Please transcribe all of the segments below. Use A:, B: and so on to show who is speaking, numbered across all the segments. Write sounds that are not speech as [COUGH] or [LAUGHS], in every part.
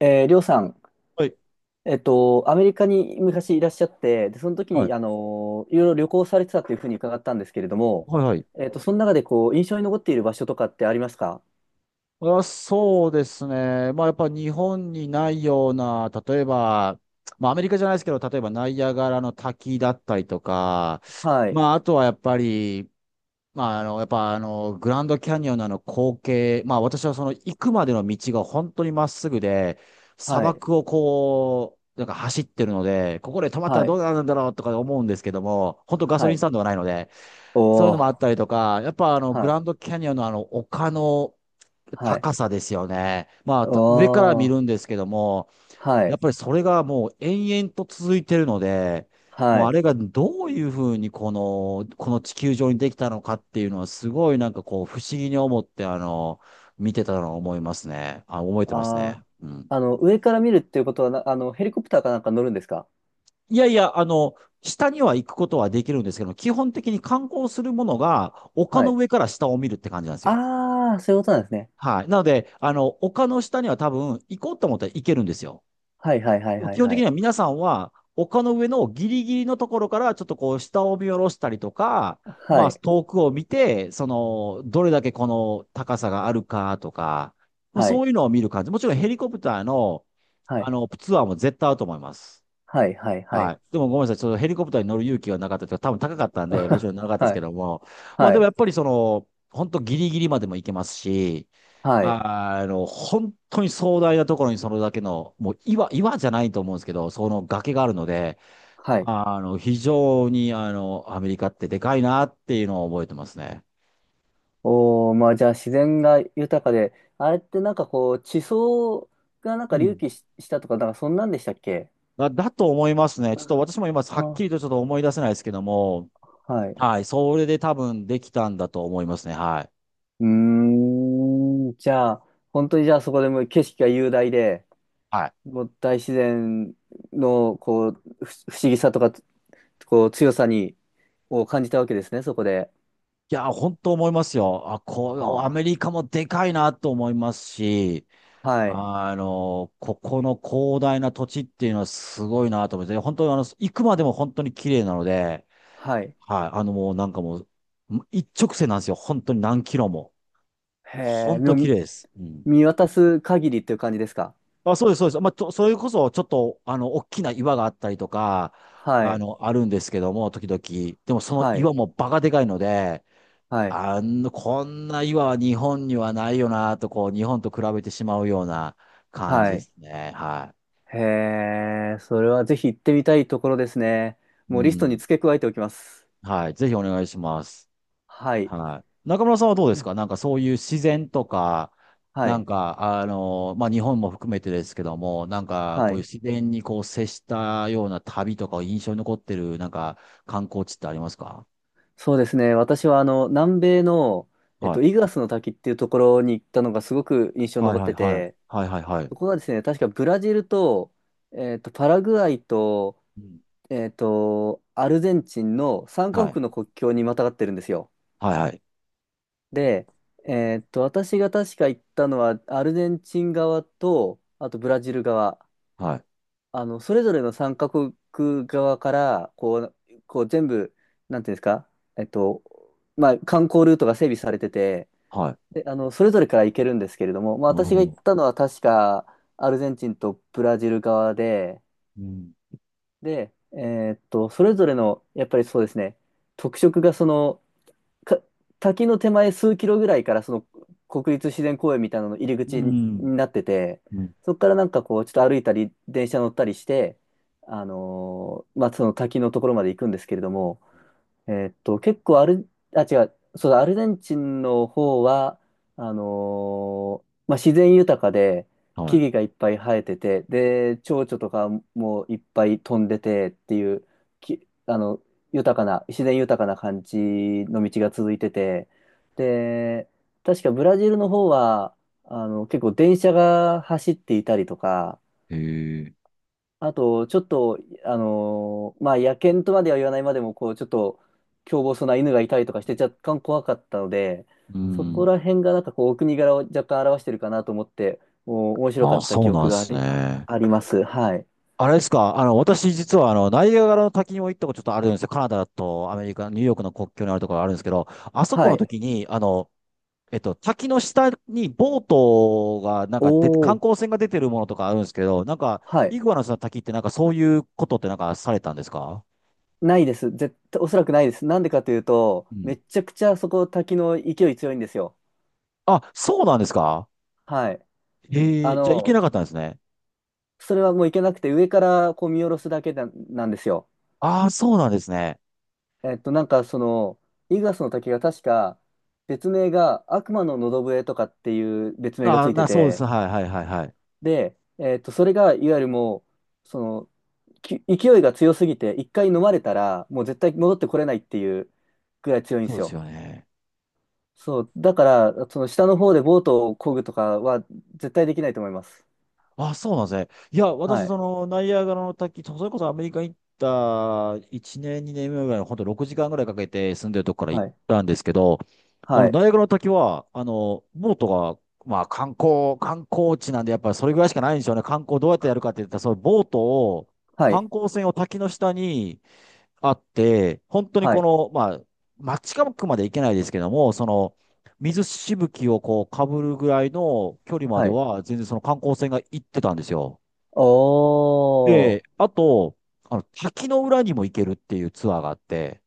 A: りょうさん、
B: はい。
A: アメリカに昔いらっしゃって、で、その時
B: はい。
A: に、いろいろ旅行されてたというふうに伺ったんですけれども、
B: はい、はい。
A: その中で、こう、印象に残っている場所とかってありますか？
B: あ、そうですね。まあ、やっぱ日本にないような、例えば、まあ、アメリカじゃないですけど、例えばナイアガラの滝だったりとか、
A: はい、
B: まあ、あとはやっぱり、まあ、やっぱグランドキャニオンのあの光景、まあ、私はその行くまでの道が本当にまっすぐで、砂
A: はい、
B: 漠をこう、なんか走ってるので、ここで止まったら
A: は
B: どう
A: い、
B: なるんだろうとか思うんですけども、本当ガソ
A: は
B: リンス
A: い、
B: タンドがないので、そういう
A: お
B: のもあっ
A: ー、
B: たりとか、やっぱ
A: は
B: グラ
A: い、
B: ンドキャニオンのあの、丘の
A: はい、
B: 高さですよね。まあ、上から
A: お
B: 見
A: ー、
B: るんですけども、
A: は
B: やっ
A: い、
B: ぱりそれがもう延々と続いてるので、も
A: は
B: うあ
A: い、
B: れがどういうふうにこの地球上にできたのかっていうのはすごいなんかこう不思議に思って、見てたのを思いますね。あ、覚えてますね。
A: あー、
B: うん。
A: 上から見るっていうことはな、あの、ヘリコプターかなんか乗るんですか？
B: いやいや、下には行くことはできるんですけども、基本的に観光するものが丘
A: は
B: の
A: い。
B: 上から下を見るって感じなんですよ。
A: あー、そういうことなんですね。
B: はい。なので、丘の下には多分行こうと思ったら行けるんですよ。
A: はい、はい、はい、
B: でも
A: はい、
B: 基本
A: は
B: 的
A: い、
B: には皆さんは丘の上のギリギリのところからちょっとこう下を見下ろしたりとか、
A: は
B: まあ
A: い、
B: 遠くを見て、その、どれだけこの高さがあるかとか、まあ
A: は
B: そ
A: い、
B: ういうのを見る感じ。もちろんヘリコプターの、
A: はい、
B: ツアーも絶対あると思います。
A: はい、はい、は
B: は
A: い、
B: い。でもごめんなさい。ちょっとヘリコプターに乗る勇気がなかったというか、多分高かったんで、もち
A: [LAUGHS]
B: ろんなかったです
A: は
B: け
A: い、
B: ども。まあ
A: は
B: でも
A: い、
B: やっぱりその、本当ギリギリまでも行けますし、
A: はい、
B: 本当に壮大なところにそれだけの、もう岩じゃないと思うんですけど、その崖があるので、
A: はい。
B: 非常に、アメリカってでかいなっていうのを覚えてますね。
A: おー、まあじゃあ自然が豊かで、あれってなんかこう、地層がなんか
B: う
A: 隆
B: ん。
A: 起し、したとか、なんかそんなんでしたっけ？
B: だと思いますね。ちょっと私も今、はっ
A: あ、
B: きりとちょっと思い出せないですけども、
A: はい。
B: はい、それで多分できたんだと思いますね。はい。
A: うーじゃあ、本当にじゃあそこでもう景色が雄大で、
B: はい。
A: もう大自然のこう、不思議さとか、こう、強さに、を感じたわけですね、そこで。
B: いや、本当思いますよ。あ、こう、ア
A: は
B: メリカもでかいなと思いますし、
A: あ、はい、
B: ここの広大な土地っていうのはすごいなと思って、本当に行くまでも本当に綺麗なので、
A: はい。
B: はい、もうなんかもう、一直線なんですよ。本当に何キロも。
A: へえ、
B: 本
A: も
B: 当綺
A: う
B: 麗です。うん。
A: 見渡す限りっていう感じですか？
B: あ、そうです、そうです。まあ、それこそちょっと、大きな岩があったりとか、
A: はい。
B: あるんですけども、時々。でもその
A: はい、
B: 岩もバカでかいので、
A: はい、
B: こんな岩は日本にはないよなと、こう、日本と比べてしまうような感じ
A: は
B: で
A: い。
B: すね。は
A: へえ、それはぜひ行ってみたいところですね。
B: い。う
A: もうリストに
B: ん。
A: 付け加えておきます。
B: はい。ぜひお願いします。
A: はい、
B: はい。中村さんはどうで
A: う
B: す
A: ん
B: か？なんかそういう自然とか、
A: は
B: な
A: い、
B: んか、まあ、日本も含めてですけども、なんか、
A: は
B: こういう
A: い。
B: 自然にこう接したような旅とか印象に残ってる、なんか、観光地ってありますか？
A: そうですね。私は南米の、
B: はい。
A: イグアスの滝っていうところに行ったのがすごく印象に
B: はい
A: 残っ
B: はい
A: て
B: はい。
A: て、
B: はいはいはい。
A: そこがですね、確かブラジルと、パラグアイと、
B: うん。
A: アルゼンチンの三カ
B: はい。
A: 国の国境にまたがってるんですよ。
B: はいはい。
A: で、私が確か行ったのは、アルゼンチン側と、あとブラジル側、
B: はい。
A: それぞれの3カ国側から、こう全部、なんていうんですか、えっと、まあ、観光ルートが整備されてて、
B: はい。
A: で、それぞれから行けるんですけれども、まあ、
B: なる
A: 私
B: ほ
A: が行っ
B: ど。
A: たのは確か、アルゼンチンとブラジル側で、
B: うん。
A: で、それぞれの、やっぱりそうですね、特色がその、か滝の手前数キロぐらいからその国立自然公園みたいなのの入り
B: う
A: 口に
B: ん。
A: なってて、
B: うん。
A: そこからなんかこうちょっと歩いたり電車乗ったりして、まあその滝のところまで行くんですけれども、結構アル、あ、違う、そうだ、アルゼンチンの方は、あのまあ、自然豊かで、木
B: は
A: 々がいっぱい生えてて、で、蝶々とかもいっぱい飛んでてっていう、き、あの、豊かな、自然豊かな感じの道が続いてて、で、確かブラジルの方は、結構電車が走っていたりとか、
B: い。へえ。
A: あと、ちょっと、まあ、野犬とまでは言わないまでも、こう、ちょっと、凶暴そうな犬がいたりとかして、若干怖かったので、
B: う
A: そこ
B: ん。
A: ら辺が、なんかこう、お国柄を若干表してるかなと思って、もう、面白
B: あ
A: か
B: あ、
A: った
B: そ
A: 記
B: うなん
A: 憶
B: で
A: があ
B: す
A: り、あ
B: ね。
A: あります。はい。
B: あれですか、私実はナイアガラの滝にも行ったことちょっとあるんですよ。カナダとアメリカ、ニューヨークの国境にあるところがあるんですけど、あそこ
A: は
B: の
A: い。
B: 時に、滝の下にボートが、なん
A: お
B: かで、観
A: ー、
B: 光船が出てるものとかあるんですけど、なんか、
A: は
B: イ
A: い。
B: グアナスの滝ってなんかそういうことってなんかされたんですか？
A: ないです。絶対、おそらくないです。なんでかというと、
B: う
A: め
B: ん。
A: ちゃくちゃそこ、滝の勢い強いんですよ。
B: あ、そうなんですか？
A: はい。
B: え
A: あ
B: え、じゃあ行け
A: の、
B: なかったんですね。
A: それはもう行けなくて、上からこう見下ろすだけななんですよ。
B: ああ、そうなんですね。
A: なんかその、イグアスの滝が確か、別名が悪魔の喉笛とかっていう別名が
B: あ
A: つ
B: あ、
A: いて
B: そうです。
A: て、
B: はいはいはいはい。
A: で、それがいわゆるもう、その、勢いが強すぎて、一回飲まれたら、もう絶対戻ってこれないっていうぐらい強いんで
B: そう
A: す
B: です
A: よ。
B: よね。
A: そう、だから、その下の方でボートを漕ぐとかは絶対できないと思います。
B: あ、そうなんですね。いや、私、
A: は
B: そ
A: い、
B: の、ナイアガラの滝、それこそアメリカ行った1年、2年目ぐらいの、本当6時間ぐらいかけて住んでるとこから行っ
A: はい、
B: たんですけど、
A: はい、
B: ナイアガラの滝は、ボートが、まあ、観光地なんで、やっぱりそれぐらいしかないんでしょうね。観光どうやってやるかって言ったら、そのボートを、
A: は
B: 観
A: い、
B: 光船を滝の下に、あって、本当に
A: は
B: こ
A: い、
B: の、まあ、街近くまで行けないですけども、その、水しぶきをこう、かぶるぐらいの距離まで
A: はい。
B: は、全然その観光船が行ってたんですよ。
A: おー、
B: で、あと、滝の裏にも行けるっていうツアーがあって、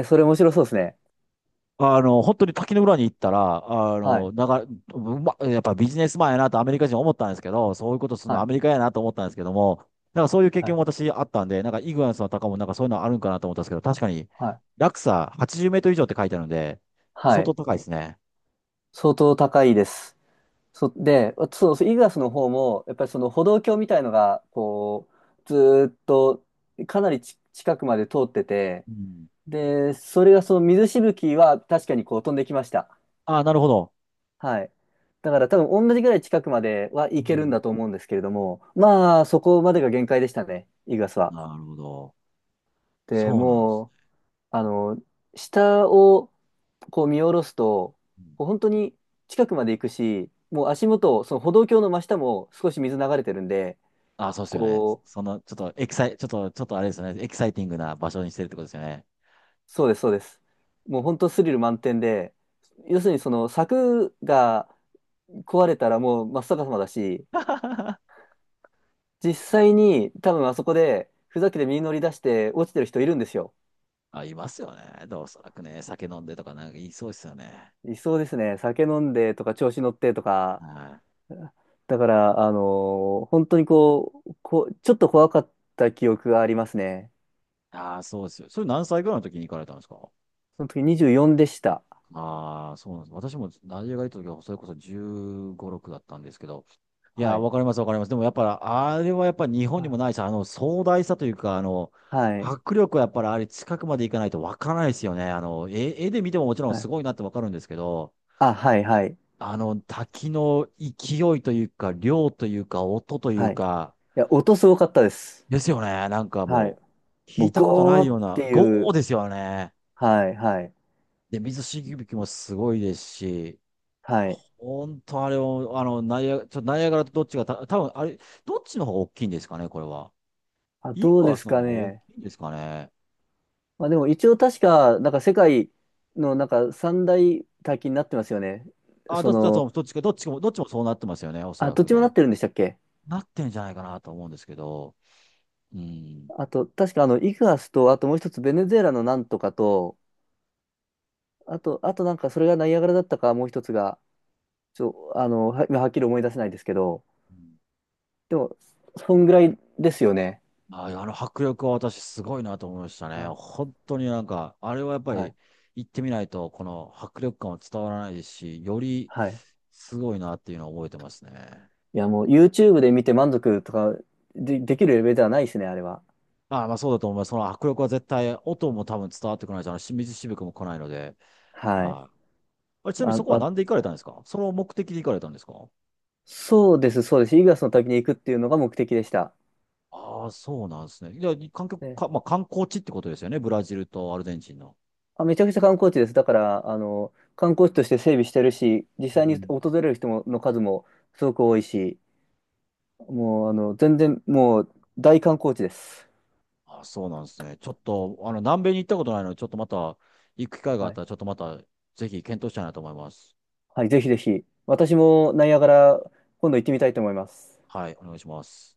A: えー、それ面白そうですね。
B: 本当に滝の裏に行ったら、あ
A: はい、
B: の、なが、うま、やっぱビジネスマンやなとアメリカ人思ったんですけど、そういうことする
A: は
B: のア
A: い、
B: メリカやなと思ったんですけども、なんかそういう経
A: は
B: 験
A: い。
B: も私あったんで、なんかイグアスの高もなんかそういうのあるんかなと思ったんですけど、確かに
A: はい
B: 落差80メートル以上って書いてあるんで、
A: は
B: 相当
A: い。
B: 高いですね。
A: 相当高いです。で、そうそう、イーグアスの方も、やっぱりその歩道橋みたいのが、こう、ずーっと、かなり近くまで通ってて、
B: うん。
A: で、それがその水しぶきは確かにこう飛んできました。
B: ああ、なるほど。
A: はい。だから多分同じぐらい近くまでは行
B: う
A: けるん
B: ん。
A: だと思うんですけれども、まあ、そこまでが限界でしたね、イーグアスは。
B: なるほど。
A: で、
B: そうなんです
A: もう、
B: ね。う
A: あ
B: ん
A: の、下を、こう見下ろすと、
B: うん。
A: こう本当に近くまで行くし、もう足元、その歩道橋の真下も少し水流れてるんで、
B: ああ、そうですよね。
A: こう、
B: ちょっとあれですよね。エキサイティングな場所にしてるってことですよね。
A: そうです、そうです。もう本当スリル満点で、要するにその柵が壊れたらもう真っ逆さまだし、実際に多分あそこでふざけて身に乗り出して落ちてる人いるんですよ。
B: あ、いますよね。でおそらくね、酒飲んでとかなんか言いそうですよね。
A: いそうですね。酒飲んでとか調子乗ってとか、
B: はい。
A: だから、本当にこう、ちょっと怖かった記憶がありますね。
B: ああ、そうですよ。それ何歳ぐらいの時に行かれたんですか？
A: その時24でした。
B: ああー、そうなんです。私もナイジェリアが行った時は、それこそ15、6だったんですけど。いや
A: は
B: ー、
A: い。
B: わかります、わかります。でもやっぱり、あれはやっぱり日本に
A: あ
B: もないし、壮大さというか、
A: はい。
B: 迫力はやっぱりあれ近くまで行かないとわからないですよね。絵で見てももちろん
A: は
B: す
A: い。
B: ごいなってわかるんですけど、
A: あ、はい、はい。
B: 滝の勢いというか、量というか、音という
A: はい。い
B: か、
A: や、音すごかったです。
B: ですよね。なんか
A: はい。
B: もう、聞
A: もう、
B: いたことな
A: ゴ
B: い
A: ー
B: よ
A: っ
B: うな、
A: てい
B: ゴー
A: う。
B: ですよね。
A: はい、はい。
B: で、水しぶきもすごいですし、
A: はい。
B: 本当あれを、あの、ナイア、ちょっとナイアガラとどっちがた、多分あれ、どっちの方が大きいんですかね、これは。
A: あ、
B: イ
A: どう
B: グア
A: です
B: スの
A: か
B: 方が大き
A: ね。
B: いんですかね。
A: まあ、でも一応確か、なんか世界のなんか三大大金になってますよね。
B: あ、
A: そ
B: だ、だ
A: の、
B: と、どっちか、どっちもそうなってますよね、おそら
A: どっ
B: く
A: ちもな
B: ね。
A: ってるんでしたっけ？
B: なってんじゃないかなと思うんですけど。うん。
A: あと、確かイグアスと、あともう一つベネズエラのなんとかと、あとなんかそれがナイアガラだったか、もう一つが、ちょ、あの、は、はっきり思い出せないですけど、
B: うん。
A: でも、そんぐらいですよね。
B: ああの迫力は私すごいなと思いました
A: は
B: ね。
A: い。
B: 本当になんか、あれはやっぱ
A: は
B: り
A: い。
B: 行ってみないと、この迫力感は伝わらないですし、より
A: はい。
B: すごいなっていうのを覚えてますね。
A: いや、もう YouTube で見て満足とかできるレベルではないですね、あれは。
B: ああ、まあそうだと思います。その迫力は絶対、音も多分伝わってこないし、あのし水しぶきも来ないので。
A: はい。
B: はい、あれ、ちなみに
A: あ、
B: そこは
A: あ、
B: 何で行かれたんですか？その目的で行かれたんですか？
A: そうです、そうです。イグアスの滝に行くっていうのが目的でした。
B: ああ、そうなんですね。いや、観光
A: ね。
B: か、まあ観光地ってことですよね。ブラジルとアルゼンチンの。
A: めちゃくちゃ観光地です。だから、観光地として整備してるし、実
B: う
A: 際に
B: ん。
A: 訪れる人もの数もすごく多いし、もう、全然、もう、大観光地です。
B: あ、そうなんですね。ちょっと、南米に行ったことないので、ちょっとまた、行く機会があ
A: は
B: っ
A: い。
B: たら、ちょっとまた、ぜひ検討したいなと思います。
A: はい、ぜひぜひ。私もナイアガラ、今度行ってみたいと思います。
B: はい、お願いします。